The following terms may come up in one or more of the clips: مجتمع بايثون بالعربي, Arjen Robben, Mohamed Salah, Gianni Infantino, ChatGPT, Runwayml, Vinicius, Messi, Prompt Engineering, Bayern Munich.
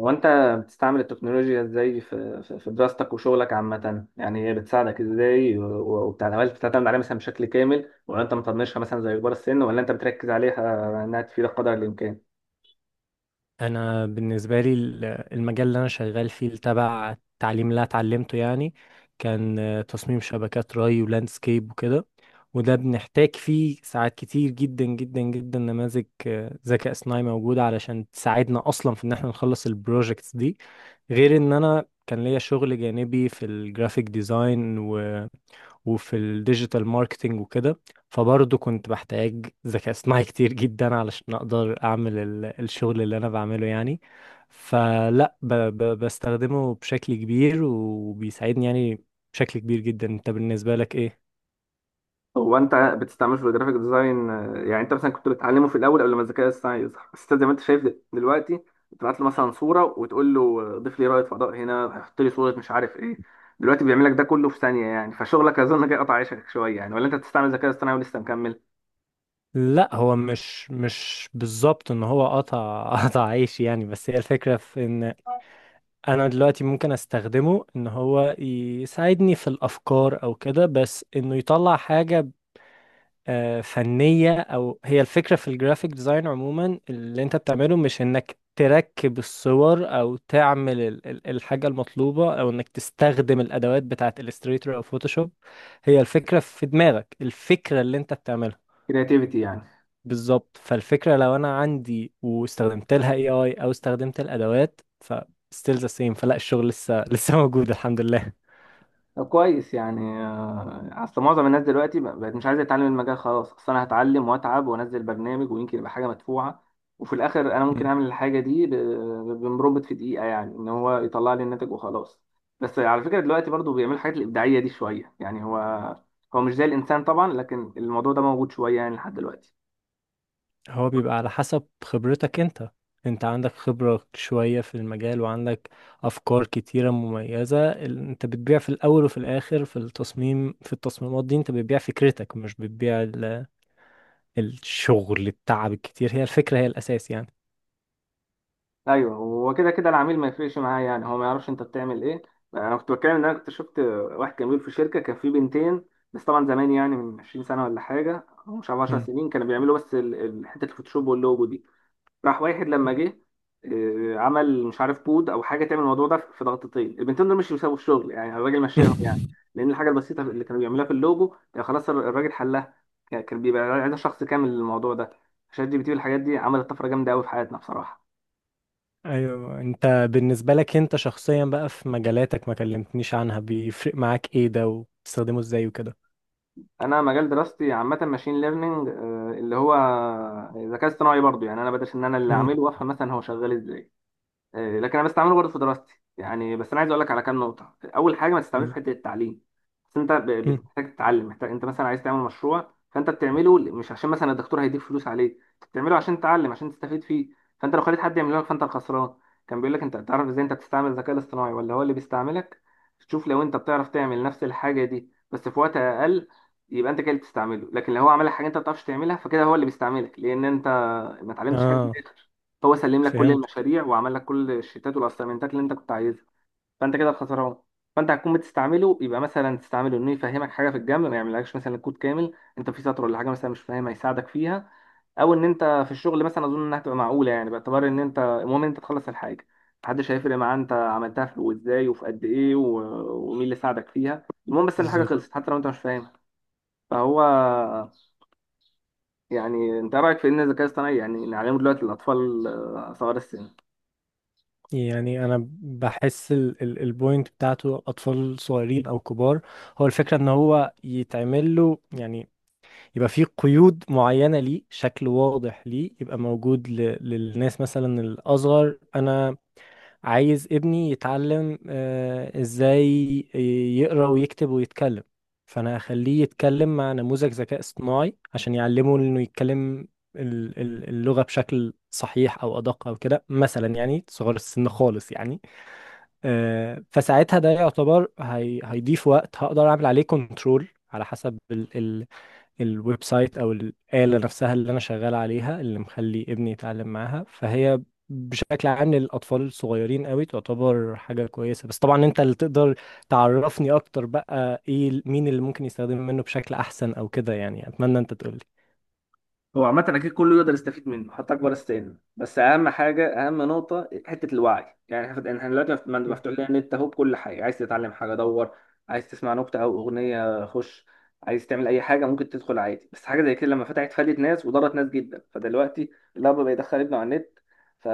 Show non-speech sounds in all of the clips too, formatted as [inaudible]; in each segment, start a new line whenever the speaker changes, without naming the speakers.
هو انت بتستعمل التكنولوجيا ازاي في دراستك وشغلك عامة، يعني هي بتساعدك ازاي وبتاع؟ هل بتعتمد عليها مثلا بشكل كامل ولا انت مطنشها مثلا زي كبار السن، ولا انت بتركز عليها انها تفيدك قدر الامكان؟
انا بالنسبه لي المجال اللي انا شغال فيه تبع التعليم اللي أنا اتعلمته يعني كان تصميم شبكات ري ولاندسكيب وكده. وده بنحتاج فيه ساعات كتير جدا جدا جدا نماذج ذكاء اصطناعي موجوده علشان تساعدنا اصلا في ان احنا نخلص البروجكتس دي. غير ان انا كان ليا شغل جانبي في الجرافيك ديزاين وفي الديجيتال ماركتينج وكده، فبرضه كنت بحتاج ذكاء اصطناعي [laughs] كتير جدا علشان اقدر اعمل الشغل اللي انا بعمله يعني. فلا ب بستخدمه بشكل كبير وبيساعدني يعني بشكل كبير جدا. انت بالنسبة لك ايه؟
هو انت بتستعمله في الجرافيك ديزاين. يعني انت مثلا كنت بتعلمه في الاول قبل ما الذكاء الاصطناعي يظهر، بس انت زي ما انت شايف دلوقتي بتبعت له مثلا صورة وتقول له، ضيف لي رائد فضاء هنا، حط لي صورة، مش عارف ايه. دلوقتي بيعمل لك ده كله في ثانية، يعني فشغلك اظن جاي قطع عيشك شوية يعني، ولا انت بتستعمل الذكاء الاصطناعي ولسه مكمل؟
لا، هو مش بالظبط ان هو قطع [laughs] قطع عيش يعني، بس هي الفكرة في ان انا دلوقتي ممكن استخدمه ان هو يساعدني في الافكار او كده، بس انه يطلع حاجة فنية. أو هي الفكرة في الجرافيك ديزاين عموما اللي أنت بتعمله مش إنك تركب الصور أو تعمل الحاجة المطلوبة أو إنك تستخدم الأدوات بتاعة إليستريتور أو فوتوشوب. هي الفكرة في دماغك، الفكرة اللي أنت بتعملها.
كرياتيفيتي يعني.
بالظبط. فالفكرة لو أنا عندي واستخدمت لها AI أو استخدمت الأدوات ف still the same، فلا الشغل لسه موجود الحمد لله.
كويس يعني. اصل معظم الناس دلوقتي بقت مش عايزه تتعلم المجال خلاص، اصل انا هتعلم واتعب وانزل برنامج ويمكن يبقى حاجه مدفوعه. وفي الاخر انا ممكن اعمل الحاجه دي بمربط في دقيقه، يعني ان هو يطلع لي الناتج وخلاص. بس على فكره دلوقتي برضو بيعمل الحاجات الابداعيه دي شويه يعني، هو مش زي الانسان طبعا، لكن الموضوع ده موجود شويه يعني لحد دلوقتي.
هو بيبقى على حسب خبرتك انت. انت عندك خبرة شوية في المجال وعندك افكار كتيرة مميزة. انت بتبيع في الاول وفي الاخر في التصميم، في التصميمات دي انت بتبيع فكرتك، مش بتبيع الشغل التعب الكتير. هي الفكرة هي الاساس يعني.
ايوه، هو كده كده العميل ما يفرقش معاه، يعني هو ما يعرفش انت بتعمل ايه. انا كنت بتكلم ان انا كنت شفت واحد كان بيقول في شركه كان فيه بنتين. بس طبعا زمان يعني، من 20 سنه ولا حاجه او مش عارف 10
مم.
سنين، كانوا بيعملوا بس حته الفوتوشوب واللوجو دي. راح واحد لما جه، عمل مش عارف بود او حاجه تعمل الموضوع ده في ضغطتين، البنتين دول مش بيساووا الشغل يعني، الراجل مشاهم يعني.
[laughs]
لان الحاجه البسيطه اللي كانوا بيعملوها في اللوجو كان خلاص الراجل حلها، كان بيبقى عايز شخص كامل للموضوع ده. شات جي بي تي والحاجات دي عملت طفره جامده قوي في حياتنا بصراحه.
ايوه. انت بالنسبة لك انت شخصيا بقى في مجالاتك ما كلمتنيش عنها، بيفرق معاك ايه ده وبتستخدمه ازاي وكده؟
انا مجال دراستي عامه ماشين ليرنينج، اللي هو ذكاء اصطناعي برضو يعني. انا بدرس ان انا اللي
مم.
اعمله وافهم مثلا هو شغال ازاي. لكن انا بستعمله برضه في دراستي يعني. بس انا عايز اقول لك على كام نقطه. اول حاجه، ما تستعملوش في
مم.
حته التعليم. بس انت
مم.
بتحتاج تتعلم. محتاج انت مثلا عايز تعمل مشروع فانت بتعمله مش عشان مثلا الدكتور هيديك فلوس عليه، انت بتعمله عشان تتعلم، عشان تستفيد فيه. فانت لو خليت حد يعمله لك فانت الخسران. كان بيقول لك، انت تعرف ازاي انت بتستعمل الذكاء الاصطناعي ولا هو اللي بيستعملك؟ شوف، لو انت بتعرف تعمل نفس الحاجه دي بس في وقت اقل، يبقى انت كده اللي بتستعمله. لكن لو هو عمل لك حاجه انت ما بتعرفش تعملها، فكده هو اللي بيستعملك، لان انت ما اتعلمتش حاجه.
اه،
هو سلم لك كل
فهمت.
المشاريع وعمل لك كل الشيتات والاسايمنتات اللي انت كنت عايزها، فانت كده الخسران. فانت هتكون بتستعمله، يبقى مثلا تستعمله انه يفهمك حاجه في الجنب، ما يعملكش مثلا الكود كامل، انت في سطر ولا حاجه مثلا مش فاهمها يساعدك فيها. او ان انت في الشغل مثلا اظن انها هتبقى معقوله يعني، باعتبار ان انت المهم ان انت تخلص الحاجه. محدش هيفرق معاه انت عملتها في وازاي وفي قد ايه ومين اللي ساعدك فيها، المهم بس ان الحاجه خلصت حتى لو انت مش فاهمها. فهو يعني انت إيه رايك في ان الذكاء الاصطناعي يعني نعلمه دلوقتي للاطفال صغار السن؟
يعني انا بحس البوينت بتاعته اطفال صغيرين او كبار، هو الفكره ان هو يتعمل له يعني يبقى فيه قيود معينه ليه، شكل واضح ليه، يبقى موجود للناس مثلا الاصغر. انا عايز ابني يتعلم ازاي يقرا ويكتب ويتكلم، فانا هخليه يتكلم مع نموذج ذكاء اصطناعي عشان يعلمه انه يتكلم اللغه بشكل صحيح او ادق او كده مثلا، يعني صغار السن خالص يعني. فساعتها ده يعتبر هيضيف وقت هقدر اعمل عليه كنترول على حسب الويب سايت او الآلة نفسها اللي انا شغال عليها اللي مخلي ابني يتعلم معاها. فهي بشكل عام للاطفال الصغيرين قوي تعتبر حاجة كويسة. بس طبعا انت اللي تقدر تعرفني اكتر بقى ايه مين اللي ممكن يستخدم منه بشكل احسن او كده يعني، اتمنى انت تقولي.
هو عامة أكيد كله يقدر يستفيد منه حتى أكبر السن، بس أهم حاجة، أهم نقطة حتة الوعي يعني. إحنا دلوقتي مفتوح لنا النت أهو بكل حاجة. عايز تتعلم حاجة دور، عايز تسمع نكتة أو أغنية خش، عايز تعمل أي حاجة ممكن تدخل عادي. بس حاجة زي كده لما فتحت فادت ناس وضرت ناس جدا. فدلوقتي الأب بيدخل ابنه على النت، ف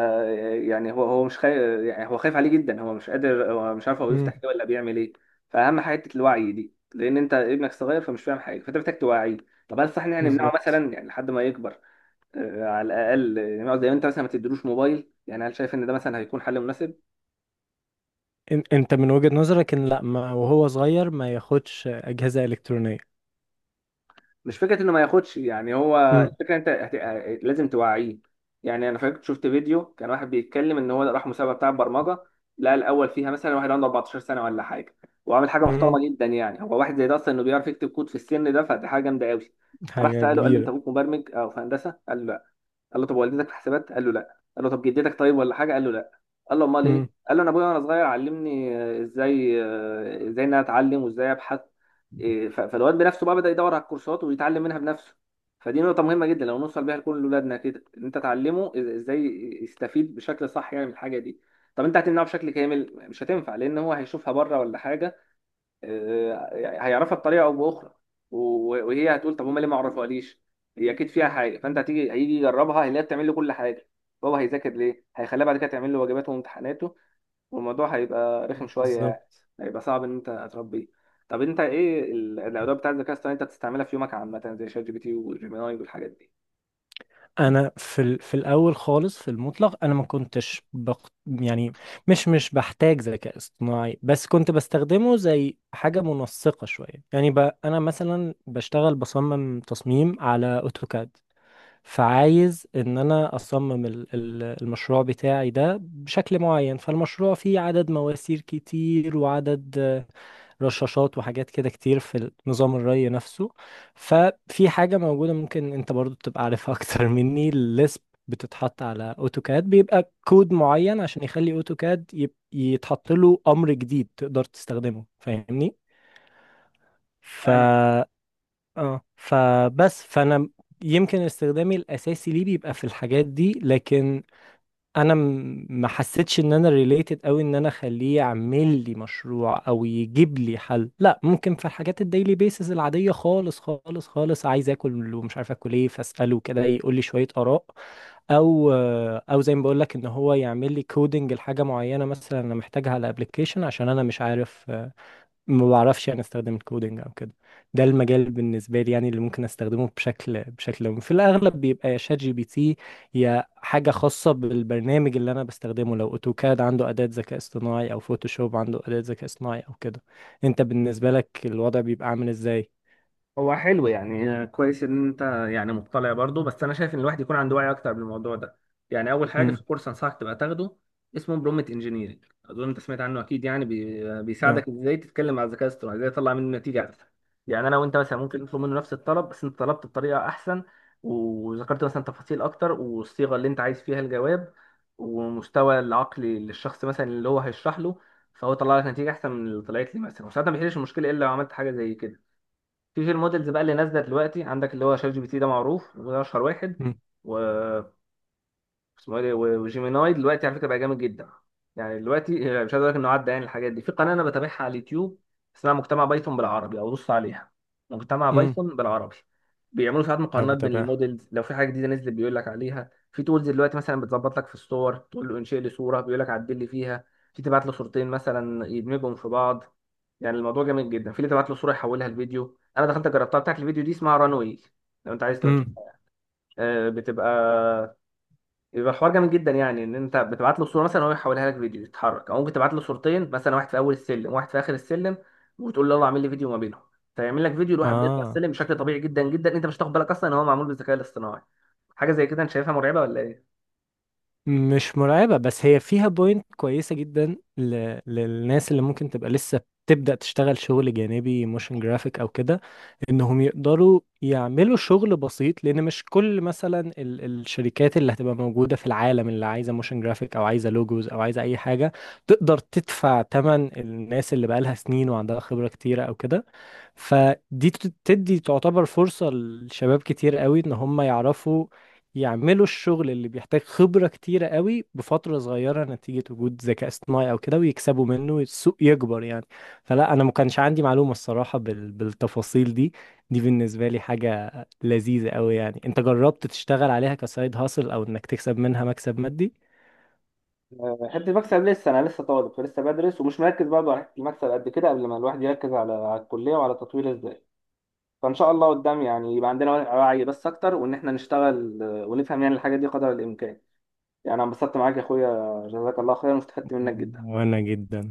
يعني هو مش خايف، يعني هو خايف عليه جدا، هو مش قادر، هو مش عارف هو
مم.
بيفتح إيه ولا بيعمل إيه. فأهم حاجة حتة الوعي دي، لأن أنت ابنك صغير فمش فاهم حاجة، فأنت محتاج توعيه. طب هل صح ان احنا نمنعه
بالظبط.
مثلا يعني لحد ما يكبر؟ على الاقل نقعد زي ما انت مثلا ما تديلوش موبايل يعني، هل شايف ان ده مثلا هيكون حل مناسب؟
انت من وجهة نظرك ان لا، ما وهو صغير ما ياخدش أجهزة إلكترونية؟
مش فكره انه ما ياخدش يعني، هو الفكره انت هت... آه، لازم توعيه. يعني انا فاكر شفت فيديو، كان واحد بيتكلم ان هو راح مسابقه بتاع برمجه، لقى الاول فيها مثلا واحد عنده 14 سنه ولا حاجه، وعامل حاجه
امم.
محترمه جدا يعني. هو واحد زي ده اصلا انه بيعرف يكتب كود في السن ده فدي حاجه جامده قوي. فراح
حاجة
ساله قال له، انت
كبيرة.
ابوك مبرمج او في هندسه؟ قال له لا. قال له طب والدتك في حسابات؟ قال له لا. قال له طب جدتك طيب ولا حاجه؟ قال له لا. قال له امال ايه؟
امم.
قال له انا ابويا وانا صغير علمني ازاي ازاي ان انا اتعلم وازاي ابحث. إيه، فالواد بنفسه بقى بدأ يدور على الكورسات ويتعلم منها بنفسه. فدي نقطة مهمة جدا لو نوصل بيها لكل أولادنا كده، إن أنت تعلمه إزاي يستفيد بشكل صح يعني من الحاجة دي. طب أنت هتمنعه بشكل كامل؟ مش هتنفع، لأن هو هيشوفها بره ولا حاجة، هيعرفها بطريقه او باخرى. وهي هتقول طب هما ليه ما عرفوهاليش، هي اكيد فيها حاجه. فانت هتيجي هيجي يجربها، هيلاقيها بتعمل له كل حاجه، هو هيذاكر ليه، هيخليها بعد كده تعمل له واجباته وامتحاناته. والموضوع هيبقى رخم شويه يعني،
بالظبط.
هيبقى صعب ان انت تربيه. طب انت ايه الادوات بتاعت الذكاء الاصطناعي انت بتستعملها في يومك عامه، زي شات جي بي تي وجيميناي والحاجات دي؟
انا في في الاول خالص في المطلق انا ما كنتش يعني مش بحتاج ذكاء اصطناعي، بس كنت بستخدمه زي حاجة منسقة شوية يعني انا مثلا بشتغل بصمم تصميم على اوتوكاد، فعايز ان انا اصمم المشروع بتاعي ده بشكل معين. فالمشروع فيه عدد مواسير كتير وعدد رشاشات وحاجات كده كتير في نظام الري نفسه. ففي حاجة موجودة ممكن انت برضو تبقى عارفها [laughs] اكتر مني، الليسب، بتتحط على اوتوكاد بيبقى كود معين عشان يخلي اوتوكاد يتحط له امر جديد تقدر تستخدمه، فاهمني؟ ف اه فبس فانا يمكن استخدامي الاساسي ليه بيبقى في الحاجات دي. لكن انا ما حسيتش ان انا ريليتد قوي ان انا اخليه يعمل لي مشروع او يجيب لي حل. لا، ممكن في الحاجات الديلي بيسز العاديه خالص خالص خالص، عايز اكل ومش عارف اكل ايه فاساله كده يقول لي شويه اراء. او او زي ما بقول لك ان هو يعمل لي كودنج لحاجه معينه مثلا انا محتاجها على ابلكيشن عشان انا مش عارف ما بعرفش يعني استخدم الكودينج او كده. ده المجال بالنسبه لي يعني اللي ممكن استخدمه بشكل بشكل يومي في الاغلب بيبقى يا شات جي بي تي، يا حاجه خاصه بالبرنامج اللي انا بستخدمه، لو اوتوكاد عنده اداه ذكاء اصطناعي او فوتوشوب عنده اداه ذكاء اصطناعي او كده. انت بالنسبه لك الوضع بيبقى عامل ازاي؟
هو حلو يعني كويس ان انت يعني مطلع برضه. بس انا شايف ان الواحد يكون عنده وعي اكتر بالموضوع ده، يعني اول حاجه
امم.
في كورس انصحك تبقى تاخده، اسمه برومت انجينيرنج، اظن انت سمعت عنه اكيد يعني.
اه.
بيساعدك ازاي تتكلم مع الذكاء الاصطناعي، ازاي تطلع منه نتيجه احسن. يعني انا وانت مثلا ممكن نطلب منه نفس الطلب، بس انت طلبت بطريقه احسن، وذكرت مثلا تفاصيل اكتر، والصيغه اللي انت عايز فيها الجواب، ومستوى العقلي للشخص مثلا اللي هو هيشرح له. فهو طلع لك نتيجه احسن من اللي طلعت لي مثلا، وساعتها ما بيحلش المشكله الا لو عملت حاجه زي كده. في المودلز بقى اللي نازله دلوقتي عندك، اللي هو شات جي بي تي ده معروف وده اشهر واحد
امم.
و... اسمه ايه ده؟ وجيميناي دلوقتي على فكره بقى جامد جدا. يعني دلوقتي مش عايز اقول لك انه عدى يعني. الحاجات دي في قناه انا بتابعها على اليوتيوب اسمها مجتمع بايثون بالعربي، او بص عليها، مجتمع
امم.
بايثون بالعربي. بيعملوا ساعات
انا
مقارنات بين
بتابعها.
المودلز، لو في حاجه جديده نزلت بيقول لك عليها، في تولز دلوقتي مثلا بتظبط لك في الصور، تقول له انشئ لي صوره بيقول لك عدل لي فيها، في تبعت له صورتين مثلا يدمجهم في بعض. يعني الموضوع جامد جدا، في اللي تبعت له صوره يحولها لفيديو، انا دخلت جربتها بتاعت الفيديو دي اسمها رانوي، لو انت عايز تبقى
امم.
تشوفها. آه، بتبقى يبقى حوار جامد جدا يعني، ان انت بتبعت له صوره مثلا وهو يحولها لك فيديو يتحرك، او ممكن تبعت له صورتين مثلا، واحد في اول السلم وواحد في اخر السلم، وتقول له يلا اعمل لي فيديو ما بينهم، فيعمل لك فيديو لواحد بيطلع
اه.
السلم بشكل طبيعي جدا جدا. انت مش هتاخد بالك اصلا ان هو معمول بالذكاء الاصطناعي. حاجه زي كده، انت شايفها مرعبه ولا ايه؟
مش مرعبة، بس هي فيها بوينت كويسة جدا للناس اللي ممكن تبقى لسه بتبدأ تشتغل شغل جانبي موشن جرافيك أو كده، إنهم يقدروا يعملوا شغل بسيط. لأن مش كل مثلا الشركات اللي هتبقى موجودة في العالم اللي عايزة موشن جرافيك أو عايزة لوجوز أو عايزة أي حاجة تقدر تدفع تمن الناس اللي بقالها سنين وعندها خبرة كتيرة أو كده. فدي تدي تعتبر فرصة لشباب كتير قوي ان هم يعرفوا يعملوا الشغل اللي بيحتاج خبرة كتيرة قوي بفترة صغيرة نتيجة وجود ذكاء اصطناعي او كده، ويكسبوا منه، السوق يكبر يعني. فلا انا ما كانش عندي معلومة الصراحة بالتفاصيل دي. دي بالنسبة لي حاجة لذيذة قوي يعني. انت جربت تشتغل عليها كسايد هاسل او انك تكسب منها مكسب مادي؟
حته المكسب لسه، انا لسه طالب فلسه بدرس ومش مركز برضه على حته المكسب قد كده. قبل ما الواحد يركز على الكليه وعلى تطوير ازاي، فان شاء الله قدام يعني يبقى عندنا وعي بس اكتر، وان احنا نشتغل ونفهم يعني الحاجه دي قدر الامكان. يعني أنا انبسطت معاك يا أخويا، جزاك الله خيرا واستفدت منك جدا.
وانا جدا.